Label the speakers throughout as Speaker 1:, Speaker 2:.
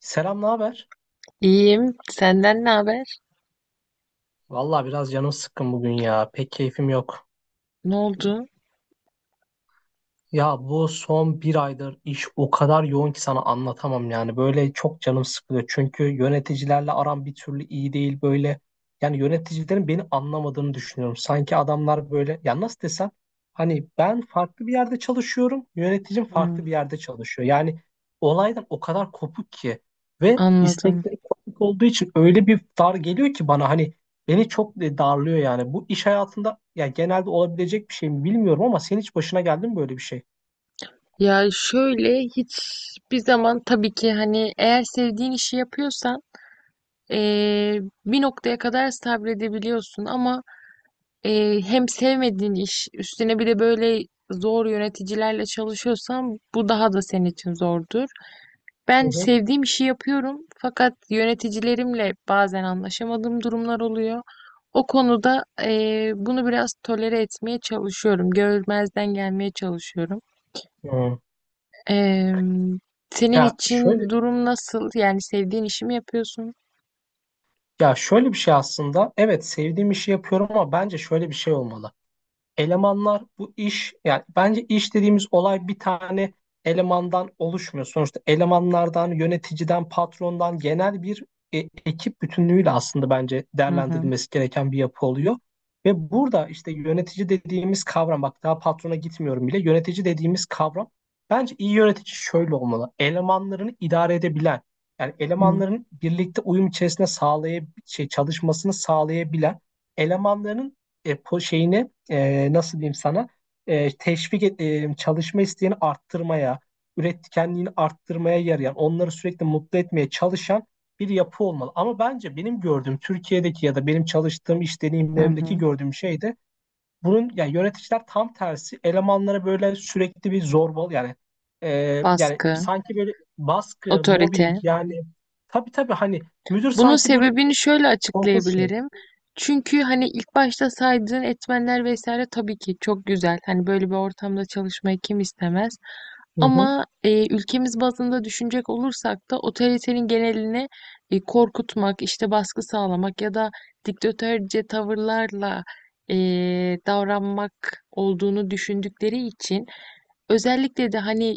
Speaker 1: Selam, ne haber?
Speaker 2: İyiyim. Senden ne haber?
Speaker 1: Vallahi biraz canım sıkkın bugün ya. Pek keyfim yok.
Speaker 2: Ne oldu?
Speaker 1: Ya bu son bir aydır iş o kadar yoğun ki sana anlatamam yani. Böyle çok canım sıkılıyor. Çünkü yöneticilerle aram bir türlü iyi değil böyle. Yani yöneticilerin beni anlamadığını düşünüyorum. Sanki adamlar böyle ya nasıl desem hani ben farklı bir yerde çalışıyorum. Yöneticim farklı
Speaker 2: Hmm,
Speaker 1: bir yerde çalışıyor. Yani olaydan o kadar kopuk ki ve
Speaker 2: anladım.
Speaker 1: istekleri kopuk olduğu için öyle bir dar geliyor ki bana hani beni çok darlıyor yani. Bu iş hayatında ya genelde olabilecek bir şey mi bilmiyorum ama senin hiç başına geldi mi böyle bir şey?
Speaker 2: Ya şöyle hiçbir zaman tabii ki hani eğer sevdiğin işi yapıyorsan eee, bir noktaya kadar sabredebiliyorsun ama hem sevmediğin iş üstüne bir de böyle zor yöneticilerle çalışıyorsan bu daha da senin için zordu.
Speaker 1: Hı
Speaker 2: Ben
Speaker 1: hı.
Speaker 2: sevdiğim işi yapıyorum fakat yöneticilerimle bazen anlaşamadığım durumlar oluyor. O konuda bunu biraz tolere etmeye çalışıyorum. Görmezden gelmeye çalışıyorum.
Speaker 1: Hı.
Speaker 2: Eee, Senin
Speaker 1: Ya şöyle
Speaker 2: için durum nasıl? Yani sevdiğin işi mi yapıyorsun?
Speaker 1: ya şöyle bir şey aslında. Evet sevdiğim işi yapıyorum ama bence şöyle bir şey olmalı. Elemanlar bu iş yani bence iş dediğimiz olay bir tane elemandan oluşmuyor. Sonuçta elemanlardan, yöneticiden, patrondan genel bir e, ekip bütünlüğüyle aslında bence
Speaker 2: Hı hı.
Speaker 1: değerlendirilmesi gereken bir yapı oluyor. Ve burada işte yönetici dediğimiz kavram, bak daha patrona gitmiyorum bile, yönetici dediğimiz kavram, bence iyi yönetici şöyle olmalı. Elemanlarını idare edebilen, yani
Speaker 2: Hı
Speaker 1: elemanların birlikte uyum içerisinde çalışmasını sağlayabilen, elemanların e, po şeyine nasıl diyeyim sana çalışma isteğini arttırmaya, üretkenliğini arttırmaya yarayan, onları sürekli mutlu etmeye çalışan bir yapı olmalı. Ama bence benim gördüğüm Türkiye'deki ya da benim çalıştığım iş
Speaker 2: hı.
Speaker 1: deneyimlerimdeki
Speaker 2: Hı.
Speaker 1: gördüğüm şey de bunun, yani yöneticiler tam tersi elemanlara böyle sürekli bir zorbalı yani e, yani
Speaker 2: Baskı,
Speaker 1: sanki böyle baskı, mobbing
Speaker 2: otorite.
Speaker 1: yani. Tabii tabii, hani müdür
Speaker 2: Bunun
Speaker 1: sanki böyle
Speaker 2: sebebini şöyle
Speaker 1: korkunç şey.
Speaker 2: açıklayabilirim. Çünkü hani ilk başta saydığın etmenler vesaire tabii ki çok güzel. Hani böyle bir ortamda çalışmayı kim istemez?
Speaker 1: Hı hı.
Speaker 2: Ama ülkemiz bazında düşünecek olursak da otoritenin genelini korkutmak, işte baskı sağlamak ya da diktatörce tavırlarla e, davranmak olduğunu düşündükleri için özellikle de hani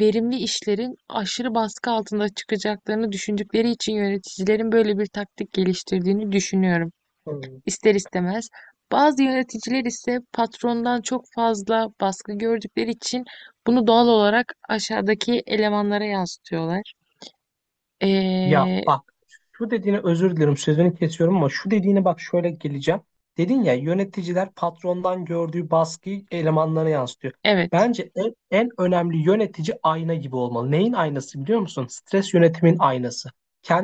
Speaker 2: verimli işlerin aşırı baskı altında çıkacaklarını düşündükleri için yöneticilerin böyle bir taktik geliştirdiğini düşünüyorum
Speaker 1: Hı.
Speaker 2: ister istemez. Bazı yöneticiler ise patrondan çok fazla baskı gördükleri için bunu doğal olarak aşağıdaki elemanlara yansıtıyorlar.
Speaker 1: Ya
Speaker 2: Ee,
Speaker 1: bak, şu dediğine özür dilerim sözünü kesiyorum ama şu dediğine bak şöyle geleceğim. Dedin ya yöneticiler patrondan gördüğü baskıyı elemanlarına yansıtıyor.
Speaker 2: evet.
Speaker 1: Bence en önemli, yönetici ayna gibi olmalı. Neyin aynası biliyor musun? Stres yönetimin aynası.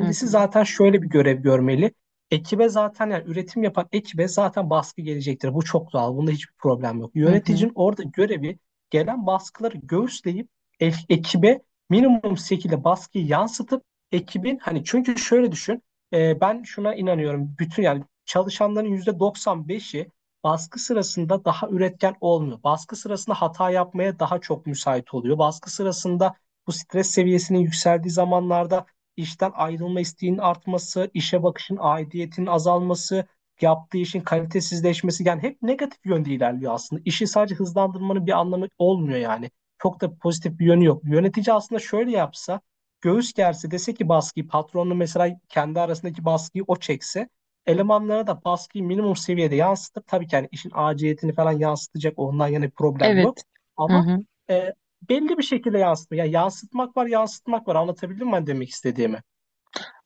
Speaker 2: Hı hı.
Speaker 1: zaten şöyle bir görev görmeli. Ekibe zaten, yani üretim yapan ekibe zaten baskı gelecektir. Bu çok doğal. Bunda hiçbir problem yok.
Speaker 2: Hı hı.
Speaker 1: Yöneticinin orada görevi gelen baskıları göğüsleyip ekibe minimum şekilde baskıyı yansıtıp ekibin, hani çünkü şöyle düşün, ben şuna inanıyorum, bütün yani çalışanların yüzde 95'i baskı sırasında daha üretken olmuyor. Baskı sırasında hata yapmaya daha çok müsait oluyor. Baskı sırasında, bu stres seviyesinin yükseldiği zamanlarda, işten ayrılma isteğinin artması, işe bakışın aidiyetinin azalması, yaptığı işin kalitesizleşmesi, yani hep negatif yönde ilerliyor aslında. İşi sadece hızlandırmanın bir anlamı olmuyor yani. Çok da pozitif bir yönü yok. Yönetici aslında şöyle yapsa, göğüs gerse, dese ki baskıyı patronla mesela, kendi arasındaki baskıyı o çekse, elemanlara da baskıyı minimum seviyede yansıtıp, tabii ki yani işin aciliyetini falan yansıtacak, ondan yana bir problem yok.
Speaker 2: Evet. Hı
Speaker 1: Ama
Speaker 2: hı.
Speaker 1: e, belli bir şekilde yansıtma. Yani yansıtmak var yansıtmak var, anlatabildim mi ben demek istediğimi?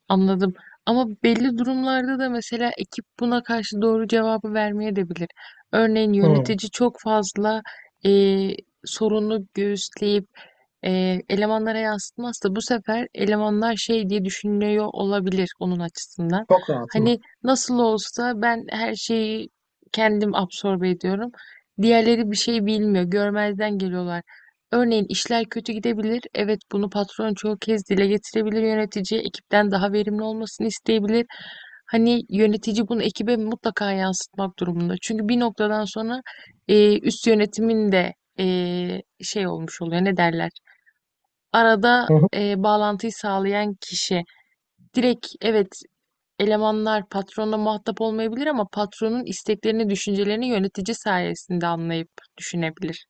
Speaker 2: Anladım. Ama belli durumlarda da mesela ekip buna karşı doğru cevabı vermeye de bilir. Örneğin
Speaker 1: Hı,
Speaker 2: yönetici çok fazla eee, sorunu göğüsleyip elemanlara yansıtmazsa bu sefer elemanlar şey diye düşünüyor olabilir onun açısından.
Speaker 1: çok rahatım.
Speaker 2: Hani nasıl olsa ben her şeyi kendim absorbe ediyorum. Diğerleri bir şey bilmiyor, görmezden geliyorlar. Örneğin işler kötü gidebilir. Evet, bunu patron çoğu kez dile getirebilir yöneticiye. Ekipten daha verimli olmasını isteyebilir. Hani yönetici bunu ekibe mutlaka yansıtmak durumunda. Çünkü bir noktadan sonra üst yönetimin de e, şey olmuş oluyor. Ne derler? Arada
Speaker 1: Hı.
Speaker 2: bağlantıyı sağlayan kişi. Direkt evet, elemanlar patronla muhatap olmayabilir ama patronun isteklerini, düşüncelerini yönetici sayesinde anlayıp düşünebilir.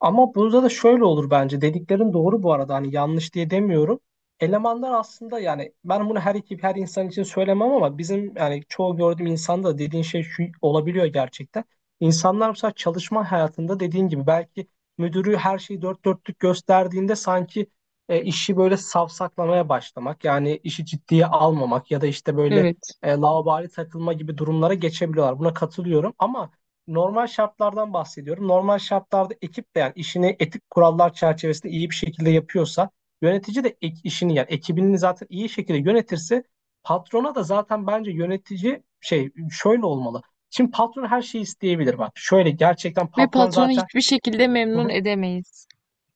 Speaker 1: Ama burada da şöyle olur bence. Dediklerin doğru bu arada. Hani yanlış diye demiyorum. Elemanlar aslında, yani ben bunu her ekip her insan için söylemem ama bizim yani çoğu gördüğüm insanda dediğin şey şu olabiliyor gerçekten. İnsanlar mesela çalışma hayatında dediğin gibi belki müdürü her şeyi dört dörtlük gösterdiğinde sanki işi böyle savsaklamaya başlamak, yani işi ciddiye almamak ya da işte böyle
Speaker 2: Evet.
Speaker 1: laubali takılma gibi durumlara geçebiliyorlar. Buna katılıyorum ama normal şartlardan bahsediyorum. Normal şartlarda ekip de yani işini etik kurallar çerçevesinde iyi bir şekilde yapıyorsa, yönetici de işini, yani ekibini zaten iyi şekilde yönetirse, patrona da zaten bence yönetici şey şöyle olmalı. Şimdi patron her şeyi isteyebilir bak. Şöyle gerçekten,
Speaker 2: Ve
Speaker 1: patron
Speaker 2: patronu
Speaker 1: zaten.
Speaker 2: hiçbir şekilde
Speaker 1: Hı
Speaker 2: memnun
Speaker 1: hı.
Speaker 2: edemeyiz.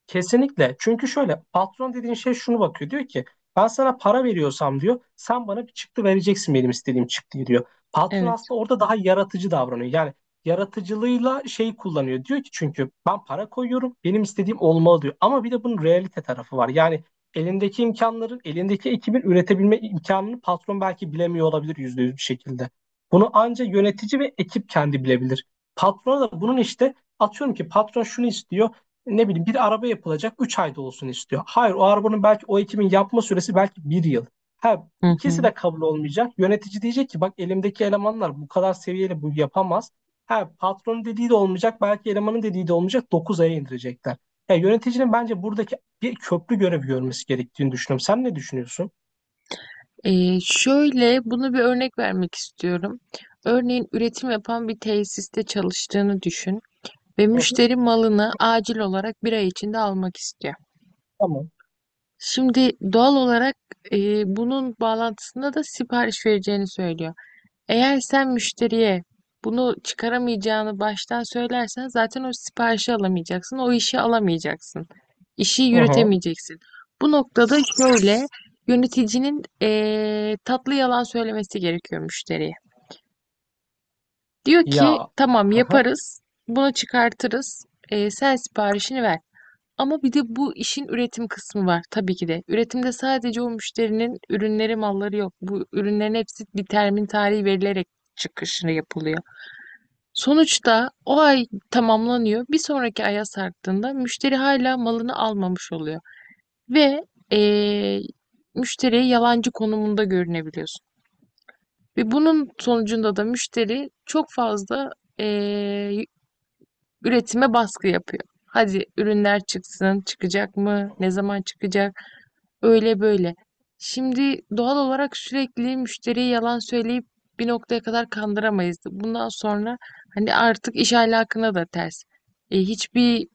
Speaker 1: Kesinlikle. Çünkü şöyle, patron dediğin şey şunu bakıyor. Diyor ki, ben sana para veriyorsam diyor, sen bana bir çıktı vereceksin, benim istediğim çıktıyı diyor. Patron
Speaker 2: Evet.
Speaker 1: aslında orada daha yaratıcı davranıyor. Yani yaratıcılığıyla şeyi kullanıyor. Diyor ki, çünkü ben para koyuyorum benim istediğim olmalı diyor. Ama bir de bunun realite tarafı var. Yani elindeki ekibin üretebilme imkanını patron belki bilemiyor olabilir %100 bir şekilde. Bunu anca yönetici ve ekip kendi bilebilir. Patrona da bunun, işte atıyorum ki patron şunu istiyor, ne bileyim, bir araba yapılacak 3 ayda olsun istiyor. Hayır, o arabanın belki o ekimin yapma süresi belki bir yıl. Ha,
Speaker 2: Hı
Speaker 1: ikisi
Speaker 2: hı.
Speaker 1: de kabul olmayacak. Yönetici diyecek ki bak elimdeki elemanlar bu kadar seviyeli, bu yapamaz. Ha, patronun dediği de olmayacak belki, elemanın dediği de olmayacak, 9 aya indirecekler. Ya, yöneticinin bence buradaki bir köprü görevi görmesi gerektiğini düşünüyorum. Sen ne düşünüyorsun?
Speaker 2: Şöyle bunu bir örnek vermek istiyorum. Örneğin üretim yapan bir tesiste çalıştığını düşün ve
Speaker 1: Hı hı.
Speaker 2: müşteri malını acil olarak bir ay içinde almak istiyor.
Speaker 1: Tamam.
Speaker 2: Şimdi doğal olarak e, bunun bağlantısında da sipariş vereceğini söylüyor. Eğer sen müşteriye bunu çıkaramayacağını baştan söylersen zaten o siparişi alamayacaksın, o işi alamayacaksın. İşi
Speaker 1: Hı hı.
Speaker 2: yürütemeyeceksin. Bu noktada şöyle yöneticinin tatlı yalan söylemesi gerekiyor müşteriye. Diyor ki
Speaker 1: Ya.
Speaker 2: tamam yaparız, bunu çıkartırız, sen siparişini ver. Ama bir de bu işin üretim kısmı var tabii ki de. Üretimde sadece o müşterinin ürünleri, malları yok. Bu ürünlerin hepsi bir termin tarihi verilerek çıkışını yapılıyor. Sonuçta o ay tamamlanıyor. Bir sonraki aya sarktığında müşteri hala malını almamış oluyor. Ve eee müşteriye yalancı konumunda görünebiliyorsun. Ve bunun sonucunda da müşteri çok fazla eee, üretime baskı yapıyor. Hadi ürünler çıksın, çıkacak
Speaker 1: Hı
Speaker 2: mı? Ne
Speaker 1: hı.
Speaker 2: zaman çıkacak? Öyle böyle. Şimdi doğal olarak sürekli müşteriye yalan söyleyip bir noktaya kadar kandıramayız. Bundan sonra hani artık iş ahlakına da ters. Hiçbir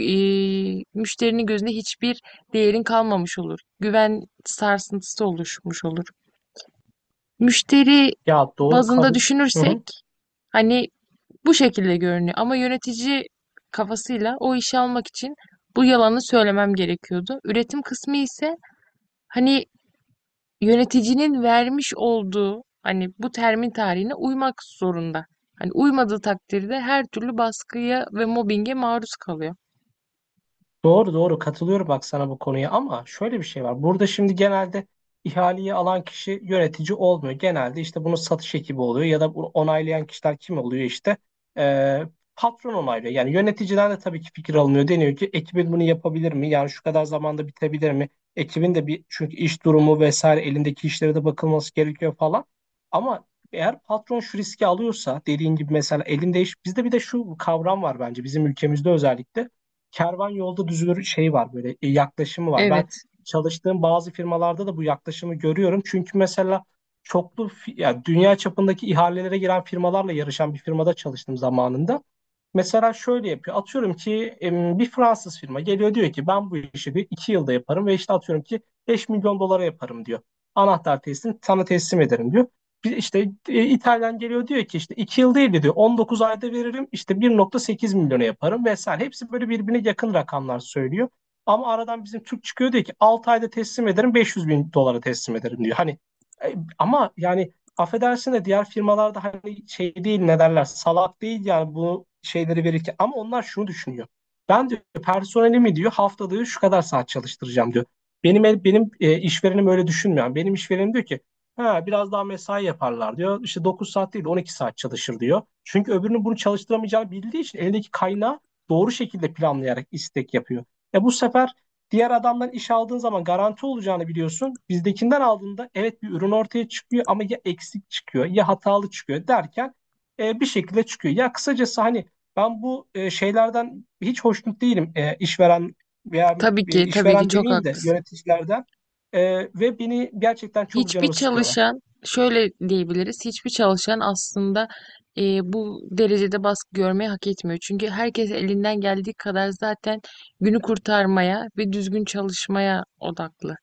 Speaker 2: müşterinin gözünde hiçbir değerin kalmamış olur. Güven sarsıntısı oluşmuş olur. Müşteri
Speaker 1: Ya doğru,
Speaker 2: bazında
Speaker 1: kabul. Hı
Speaker 2: düşünürsek
Speaker 1: hı.
Speaker 2: hani bu şekilde görünüyor. Ama yönetici kafasıyla o işi almak için bu yalanı söylemem gerekiyordu. Üretim kısmı ise hani yöneticinin vermiş olduğu hani bu termin tarihine uymak zorunda. Hani uymadığı takdirde her türlü baskıya ve mobbinge maruz kalıyor.
Speaker 1: Doğru doğru, katılıyorum bak sana bu konuya ama şöyle bir şey var. Burada şimdi genelde ihaleyi alan kişi yönetici olmuyor. Genelde işte bunu satış ekibi oluyor ya da bunu onaylayan kişiler kim oluyor işte. Ee, patron onaylıyor. Yani yöneticiden de tabii ki fikir alınıyor. Deniyor ki ekibin bunu yapabilir mi? Yani şu kadar zamanda bitebilir mi? Ekibin de bir, çünkü iş durumu vesaire, elindeki işlere de bakılması gerekiyor falan. Ama eğer patron şu riski alıyorsa dediğin gibi, mesela elinde iş, bizde bir de şu kavram var bence, bizim ülkemizde özellikle kervan yolda düzülür şey var, böyle yaklaşımı var. Ben
Speaker 2: Evet.
Speaker 1: çalıştığım bazı firmalarda da bu yaklaşımı görüyorum. Çünkü mesela, ya dünya çapındaki ihalelere giren firmalarla yarışan bir firmada çalıştım zamanında. Mesela şöyle yapıyor. Atıyorum ki bir Fransız firma geliyor, diyor ki ben bu işi bir iki yılda yaparım ve işte atıyorum ki 5 milyon dolara yaparım diyor. Anahtar teslim sana teslim ederim diyor. Bir işte İtalyan geliyor, diyor ki işte 2 yıl değil de diyor 19 ayda veririm, işte 1.8 milyona yaparım vesaire. Hepsi böyle birbirine yakın rakamlar söylüyor. Ama aradan bizim Türk çıkıyor, diyor ki 6 ayda teslim ederim, 500 bin dolara teslim ederim diyor. Hani ama yani, affedersin de, diğer firmalarda hani şey değil, ne derler, salak değil yani bu şeyleri verirken, ama onlar şunu düşünüyor. Ben diyor personelimi, diyor haftada diyor, şu kadar saat çalıştıracağım diyor. Benim işverenim öyle düşünmüyor. Yani benim işverenim diyor ki ha biraz daha mesai yaparlar diyor. İşte 9 saat değil, 12 saat çalışır diyor. Çünkü öbürünün bunu çalıştıramayacağını bildiği için elindeki kaynağı doğru şekilde planlayarak istek yapıyor. Bu sefer, diğer adamdan iş aldığın zaman garanti olacağını biliyorsun. Bizdekinden aldığında evet bir ürün ortaya çıkıyor ama ya eksik çıkıyor ya hatalı çıkıyor derken bir şekilde çıkıyor. Ya kısacası, hani ben bu şeylerden hiç hoşnut değilim. E, işveren veya
Speaker 2: Tabii ki, tabii ki
Speaker 1: işveren
Speaker 2: çok
Speaker 1: demeyeyim de,
Speaker 2: haklısın.
Speaker 1: yöneticilerden. Ve beni gerçekten çok
Speaker 2: Hiçbir
Speaker 1: canımı sıkıyorlar.
Speaker 2: çalışan şöyle diyebiliriz. Hiçbir çalışan aslında bu derecede baskı görmeyi hak etmiyor. Çünkü herkes elinden geldiği kadar zaten günü kurtarmaya ve düzgün çalışmaya odaklı.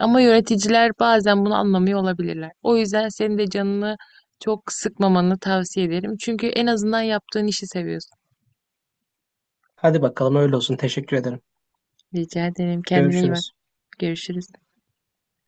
Speaker 2: Ama yöneticiler bazen bunu anlamıyor olabilirler. O yüzden senin de canını çok sıkmamanı tavsiye ederim. Çünkü en azından yaptığın işi seviyorsun.
Speaker 1: Hadi bakalım öyle olsun. Teşekkür ederim.
Speaker 2: Rica ederim. Kendine iyi bak.
Speaker 1: Görüşürüz.
Speaker 2: Görüşürüz.